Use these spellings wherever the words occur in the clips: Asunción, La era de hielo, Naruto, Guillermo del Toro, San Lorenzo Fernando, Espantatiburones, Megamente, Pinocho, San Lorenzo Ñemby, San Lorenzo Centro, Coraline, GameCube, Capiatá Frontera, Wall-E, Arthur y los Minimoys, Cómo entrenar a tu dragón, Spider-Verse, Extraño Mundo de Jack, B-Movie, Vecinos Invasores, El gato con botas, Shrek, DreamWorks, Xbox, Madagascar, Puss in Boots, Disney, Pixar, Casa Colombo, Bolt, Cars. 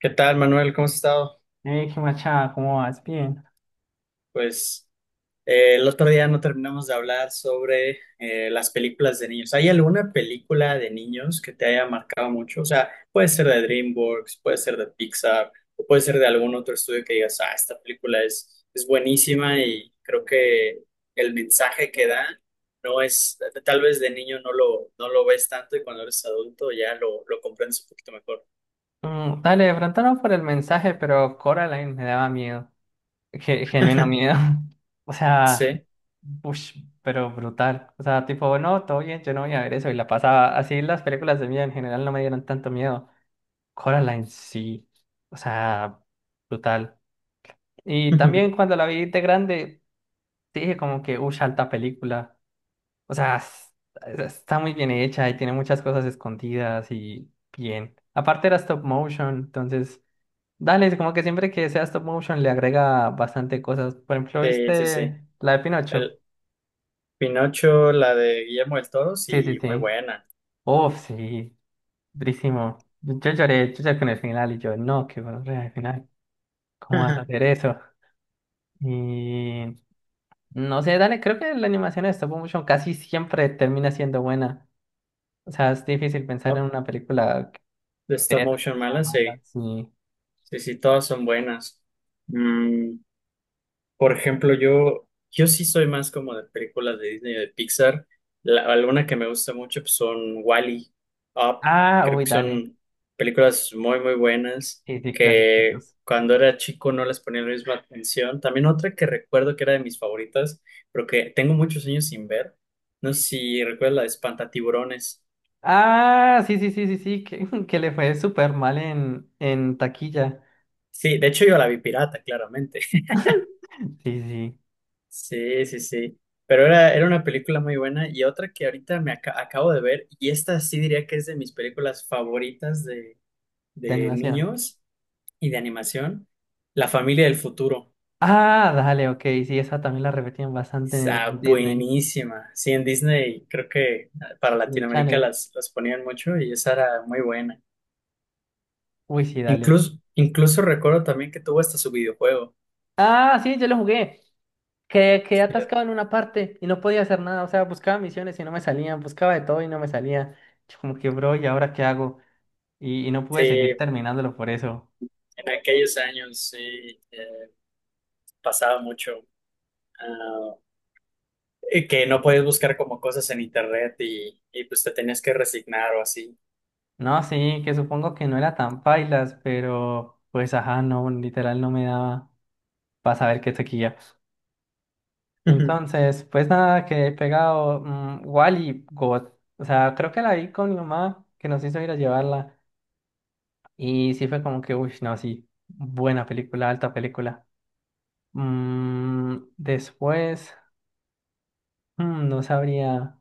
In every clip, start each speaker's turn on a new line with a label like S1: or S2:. S1: ¿Qué tal, Manuel? ¿Cómo has estado?
S2: Hey, qué machada, ¿cómo vas? Bien.
S1: Pues el otro día no terminamos de hablar sobre las películas de niños. ¿Hay alguna película de niños que te haya marcado mucho? O sea, puede ser de DreamWorks, puede ser de Pixar, o puede ser de algún otro estudio que digas, ah, esta película es buenísima y creo que el mensaje que da no es, tal vez de niño no lo ves tanto y cuando eres adulto lo comprendes un poquito mejor.
S2: Dale, de pronto no por el mensaje, pero Coraline me daba miedo. Genuino miedo. O sea,
S1: Sí,
S2: ush, pero brutal. O sea, tipo, no, todo bien, yo no voy a ver eso. Y la pasaba. Así las películas de miedo en general no me dieron tanto miedo. Coraline sí. O sea, brutal. Y también cuando la vi de grande, dije como que, ush, alta película. O sea, está muy bien hecha y tiene muchas cosas escondidas y bien. Aparte era stop motion, entonces, dale, es como que siempre que sea stop motion le agrega bastante cosas. Por ejemplo,
S1: sí.
S2: ¿viste la de Pinocho?
S1: Pinocho, la de Guillermo del Toro,
S2: Sí, sí,
S1: sí, muy
S2: sí.
S1: buena.
S2: Uf, sí, durísimo. Yo lloré con el final y yo, no, qué bueno, al final, ¿cómo vas a hacer eso? Y no sé, dale, creo que la animación de stop motion casi siempre termina siendo buena. O sea, es difícil pensar
S1: ¿No?
S2: en una película
S1: De
S2: de
S1: Stop
S2: esas
S1: Motion
S2: que se
S1: Mala, sí.
S2: amandan, sí.
S1: Sí, sí, todas son buenas. Mm, por ejemplo, yo sí soy más como de películas de Disney o de Pixar. La, alguna que me gusta mucho pues, son Wall-E, Up.
S2: Ah,
S1: Creo
S2: uy,
S1: que
S2: dale.
S1: son películas muy buenas
S2: Sí, sí,
S1: que
S2: clasiquitos.
S1: cuando era chico no les ponía la misma atención. También otra que recuerdo que era de mis favoritas, pero que tengo muchos años sin ver. No sé si recuerdas la de Espantatiburones.
S2: Ah, sí, sí, sí, sí, sí, que, que le fue súper mal en taquilla.
S1: Sí, de hecho yo la vi pirata, claramente.
S2: Sí, sí,
S1: Sí, sí, sí. Pero era una película muy buena y otra que ahorita me acabo de ver, y esta sí diría que es de mis películas favoritas
S2: de
S1: de
S2: animación.
S1: niños y de animación, La familia del futuro.
S2: Ah, dale, ok, sí, esa también la repetían bastante
S1: Está
S2: en Disney,
S1: buenísima. Sí, en Disney creo que ah, para
S2: Disney
S1: Latinoamérica
S2: Channel.
S1: las ponían mucho y esa era muy buena.
S2: Uy, sí, dale.
S1: Incluso recuerdo también que tuvo hasta su videojuego.
S2: Ah, sí, yo lo jugué. Que quedé atascado en una parte y no podía hacer nada. O sea, buscaba misiones y no me salían, buscaba de todo y no me salía. Yo como que, bro, ¿y ahora qué hago? Y no pude seguir
S1: Sí,
S2: terminándolo por eso.
S1: en aquellos años sí eh, pasaba mucho. Ah, que no puedes buscar como cosas en internet y pues te tenías que resignar o así.
S2: No, sí, que supongo que no era tan pailas, pero pues ajá, no, literal no me daba para saber qué toquilla.
S1: Ujú.
S2: Entonces, pues nada, quedé pegado. Wall-E God. O sea, creo que la vi con mi mamá, que nos hizo ir a llevarla. Y sí fue como que, uy, no, sí, buena película, alta película. Mm, después, no sabría.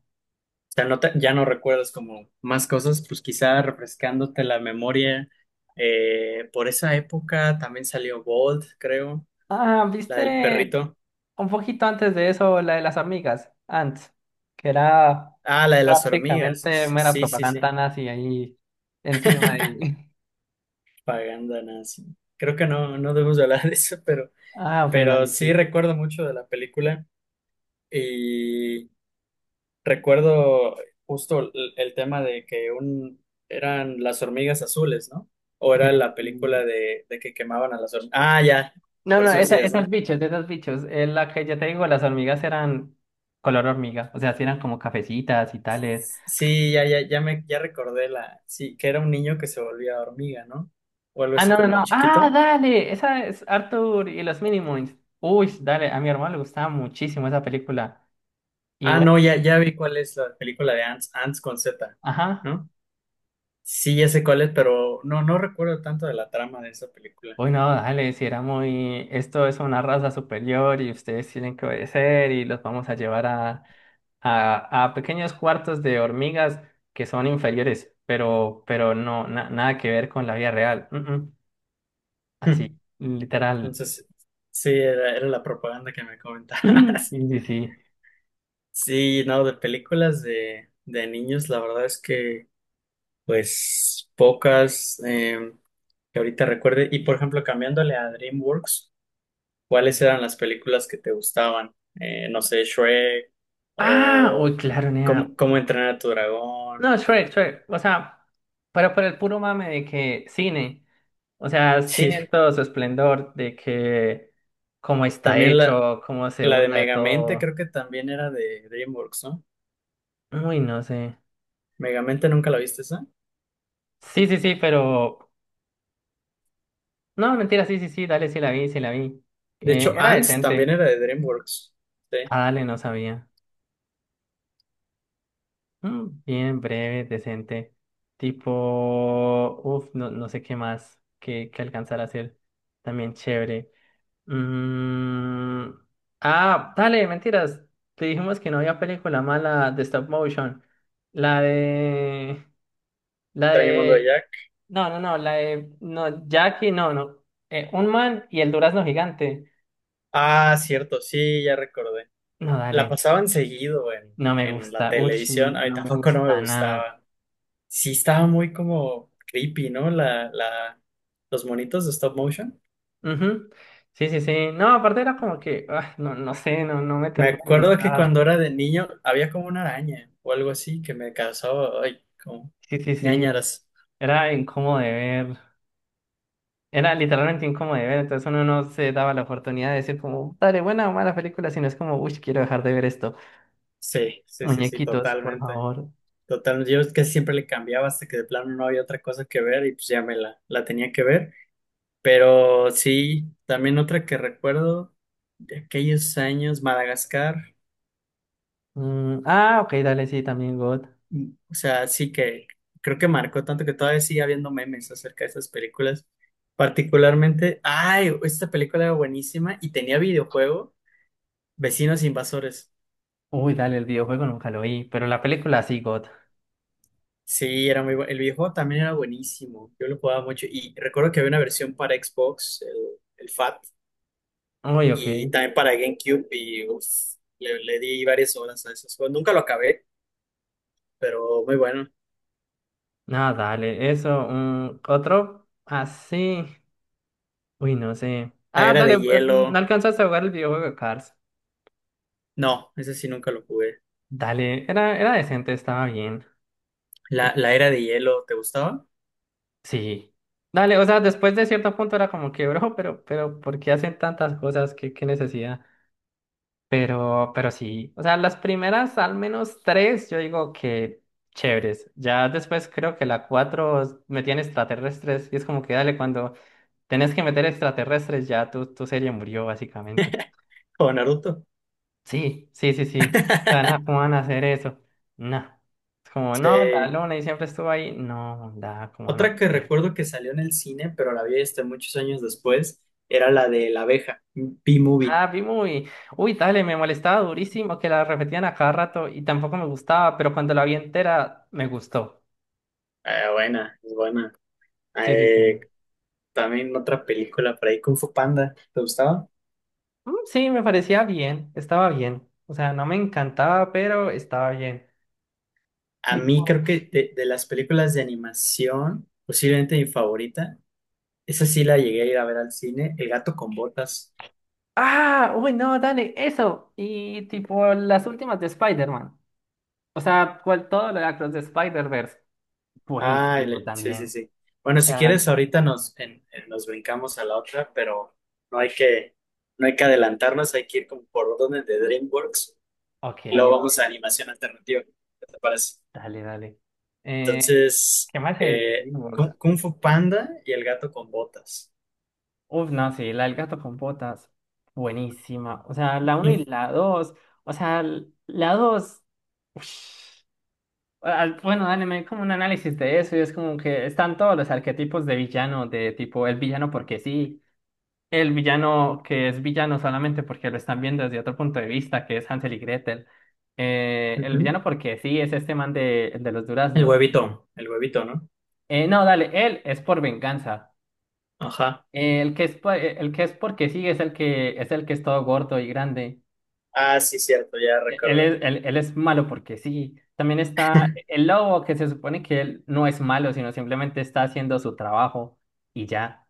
S1: O sea, ya no recuerdas como más cosas, pues quizá refrescándote la memoria. Por esa época también salió Bolt, creo,
S2: Ah,
S1: la del
S2: ¿viste?
S1: perrito.
S2: Un poquito antes de eso, la de las amigas, antes, que era
S1: Ah, la de las
S2: prácticamente
S1: hormigas.
S2: mera
S1: Sí, sí,
S2: propaganda
S1: sí.
S2: nazi ahí encima. Y...
S1: Paganda nazi. Creo que no debemos de hablar de eso,
S2: Ah, ok,
S1: pero
S2: dale,
S1: sí
S2: sí.
S1: recuerdo mucho de la película. Recuerdo justo el tema de que un, eran las hormigas azules, ¿no? O era la
S2: No,
S1: película de que quemaban a las hormigas. Ah, ya, por
S2: no,
S1: eso decías,
S2: esas
S1: ¿no?
S2: bichos, de esas bichos. La que ya te digo, las hormigas eran color hormiga, o sea, sí eran como cafecitas y tales.
S1: Sí, ya recordé la, sí, que era un niño que se volvía hormiga, ¿no? O algo
S2: Ah,
S1: así
S2: no, no,
S1: como
S2: no. Ah,
S1: chiquito.
S2: dale, esa es Arthur y los Minimoys. Uy, dale, a mi hermano le gustaba muchísimo esa película. Y
S1: Ah,
S2: bueno,
S1: no, ya vi cuál es la película de Ants, Ants con Z,
S2: ajá.
S1: ¿no? Sí, ya sé cuál es, pero no recuerdo tanto de la trama de esa película.
S2: Uy, no, dale, si era muy, esto es una raza superior y ustedes tienen que obedecer y los vamos a llevar a, a pequeños cuartos de hormigas que son inferiores, pero no, nada que ver con la vida real. Mm, mm. Así, literal.
S1: Entonces, sí, era la propaganda que me comentabas.
S2: Sí, sí, sí.
S1: Sí, no, de películas de niños, la verdad es que, pues, pocas que ahorita recuerde. Y, por ejemplo, cambiándole a DreamWorks, ¿cuáles eran las películas que te gustaban? No sé, Shrek
S2: Ah,
S1: o
S2: uy, claro, nea.
S1: Cómo entrenar a tu dragón.
S2: No, Shrek, Shrek, o sea, pero por el puro mame de que cine, o sea,
S1: Sí,
S2: cine en todo su esplendor, de que cómo está
S1: también la,
S2: hecho, cómo se
S1: la de
S2: burla de
S1: Megamente creo
S2: todo.
S1: que también era de DreamWorks, ¿no?
S2: Uy, no sé.
S1: Megamente nunca la viste esa.
S2: Sí, sí, sí, pero. No, mentira, sí, sí, sí, dale, sí la vi, sí la vi.
S1: De hecho,
S2: Era
S1: Ants también
S2: decente.
S1: era de DreamWorks. Sí,
S2: Ah, dale, no sabía. Bien breve, decente. Tipo. Uf, no, no sé qué más que alcanzar a hacer. También chévere. Mm, Ah, dale, mentiras. Te dijimos que no había película mala de stop motion. La de. La
S1: Extraño Mundo de
S2: de.
S1: Jack.
S2: No, no, no, la de, no, Jackie, no, no. Un man y el durazno gigante.
S1: Ah, cierto, sí, ya recordé.
S2: No,
S1: La
S2: dale,
S1: pasaban seguido
S2: no me
S1: en la
S2: gusta. Uy,
S1: televisión, a mí
S2: no me
S1: tampoco no me
S2: gusta nada.
S1: gustaba. Sí estaba muy como creepy, ¿no? Los monitos de stop motion.
S2: Ujú. Sí, sí, sí. No, aparte era como que, ah, no, no sé, no, no me
S1: Me
S2: termina de
S1: acuerdo que cuando
S2: gustar.
S1: era de niño había como una araña o algo así que me causaba, ay, como
S2: Sí, sí, sí.
S1: ñáñaras.
S2: Era incómodo de ver. Era literalmente incómodo de ver. Entonces uno no se daba la oportunidad de decir como, dale, buena o mala película, sino es como, uy, quiero dejar de ver esto.
S1: Sí, sí, sí, sí,
S2: Muñequitos, por
S1: totalmente.
S2: favor.
S1: Totalmente. Yo es que siempre le cambiaba hasta que de plano no había otra cosa que ver y pues ya me la tenía que ver. Pero sí, también otra que recuerdo de aquellos años, Madagascar.
S2: Mm, ah, ok, dale, sí, también God.
S1: Mm, o sea, sí que creo que marcó tanto que todavía sigue habiendo memes acerca de esas películas. Particularmente, ay, esta película era buenísima y tenía videojuego, Vecinos Invasores.
S2: Uy, dale, el videojuego nunca lo vi, pero la película sí, God.
S1: Sí, era muy bueno. El videojuego también era buenísimo. Yo lo jugaba mucho y recuerdo que había una versión para Xbox, el FAT,
S2: Uy, ok.
S1: y también para GameCube y uf, le di varias horas a esos juegos. Nunca lo acabé, pero muy bueno.
S2: No, dale, eso. Un otro así. Uy, no sé.
S1: La
S2: Ah,
S1: era
S2: dale,
S1: de
S2: no
S1: hielo.
S2: alcanzaste a jugar el videojuego de Cars.
S1: No, ese sí nunca lo jugué.
S2: Dale, era, era decente, estaba bien. Mm,
S1: La era de hielo, ¿te gustaba?
S2: sí. Dale, o sea, después de cierto punto era como que, bro, ¿por qué hacen tantas cosas? ¿Qué necesidad? Pero sí, o sea, las primeras al menos tres, yo digo que chéveres. Ya después creo que la cuatro metían extraterrestres y es como que dale, cuando tenés que meter extraterrestres ya tu serie murió básicamente.
S1: O Naruto.
S2: Sí, sí, sí, sí. O sea, nada, ¿cómo van a hacer eso? No. Es como, no, la
S1: Sí.
S2: luna y siempre estuvo ahí. No, da, ¿cómo van a
S1: Otra que
S2: hacer eso?
S1: recuerdo que salió en el cine, pero la vi este muchos años después, era la de la abeja, B-Movie.
S2: Ah, vi muy... Uy, dale, me molestaba durísimo que la repetían a cada rato y tampoco me gustaba, pero cuando la vi entera me gustó.
S1: Buena, es buena.
S2: Sí, sí,
S1: Eh,
S2: sí.
S1: también otra película por ahí, Kung Fu Panda, ¿te gustaba?
S2: Mm, sí, me parecía bien, estaba bien. O sea, no me encantaba, pero estaba bien.
S1: A
S2: Tipo,
S1: mí creo que de las películas de animación, posiblemente mi favorita, esa sí la llegué a ir a ver al cine, El gato con botas.
S2: ah, uy, no, dale, eso. Y tipo, las últimas de Spider-Man. O sea, cual, todo lo de Across the Spider-Verse.
S1: Ah,
S2: Buenísimo
S1: el- sí,
S2: también.
S1: sí, sí. Bueno,
S2: O
S1: si
S2: sea,
S1: quieres, ahorita nos, nos brincamos a la otra, pero no hay que, no hay que adelantarnos, hay que ir como por orden de DreamWorks
S2: ok,
S1: y luego vamos
S2: ok,
S1: a animación alternativa, ¿qué te parece?
S2: dale, dale. Eh,
S1: Entonces,
S2: ¿Qué más hay de DreamWorks?
S1: Kung Fu Panda y El gato con botas.
S2: Uf, no, sí, la del gato con botas. Buenísima. O sea, la uno
S1: Mm,
S2: y la 2. O sea, la 2. Bueno, dale, me como un análisis de eso y es como que están todos los arquetipos de villano, de tipo el villano porque sí, el villano que es villano solamente porque lo están viendo desde otro punto de vista, que es Hansel y Gretel, el
S1: ujú.
S2: villano porque sí es este man de, el de los duraznos.
S1: El huevito, ¿no?
S2: No, dale, él es por venganza.
S1: Ajá.
S2: El que es, el que es porque sí es el que es todo gordo y grande.
S1: Ah, sí, cierto, ya
S2: Él
S1: recordé.
S2: es, él es malo porque sí. También está el lobo, que se supone que él no es malo, sino simplemente está haciendo su trabajo y ya.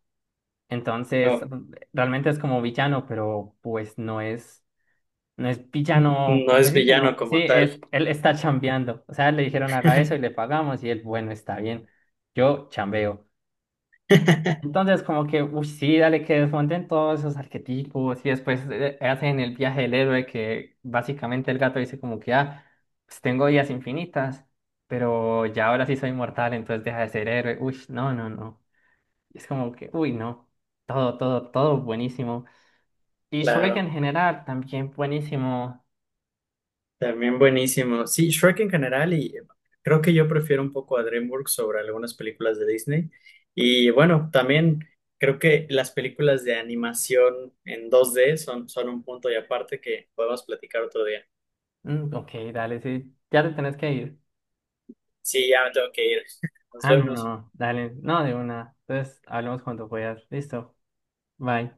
S2: Entonces,
S1: No,
S2: realmente es como villano, pero pues no es, no es villano,
S1: no
S2: porque
S1: es
S2: sí,
S1: villano
S2: sino, sí,
S1: como tal.
S2: es, él está chambeando. O sea, le dijeron haga eso y le pagamos y él, bueno, está bien, yo chambeo. Entonces, como que, uy, sí, dale, que desmonten todos esos arquetipos y después hacen el viaje del héroe que básicamente el gato dice como que, ah, pues tengo vidas infinitas, pero ya ahora sí soy mortal, entonces deja de ser héroe. Uy, no, no, no. Es como que, uy, no. Todo, todo, todo buenísimo. Y Shrek
S1: Claro,
S2: en general también buenísimo.
S1: también buenísimo. Sí, Shrek en general y creo que yo prefiero un poco a DreamWorks sobre algunas películas de Disney. Y bueno, también creo que las películas de animación en dos d son, son un punto y aparte que podemos platicar otro día.
S2: Mm, ok, dale, sí. Ya te tenés que ir.
S1: Sí, ya me tengo que ir. Nos
S2: Ah, no,
S1: vemos.
S2: no, dale, no de una. Entonces, hablamos cuando puedas. Listo. Bye.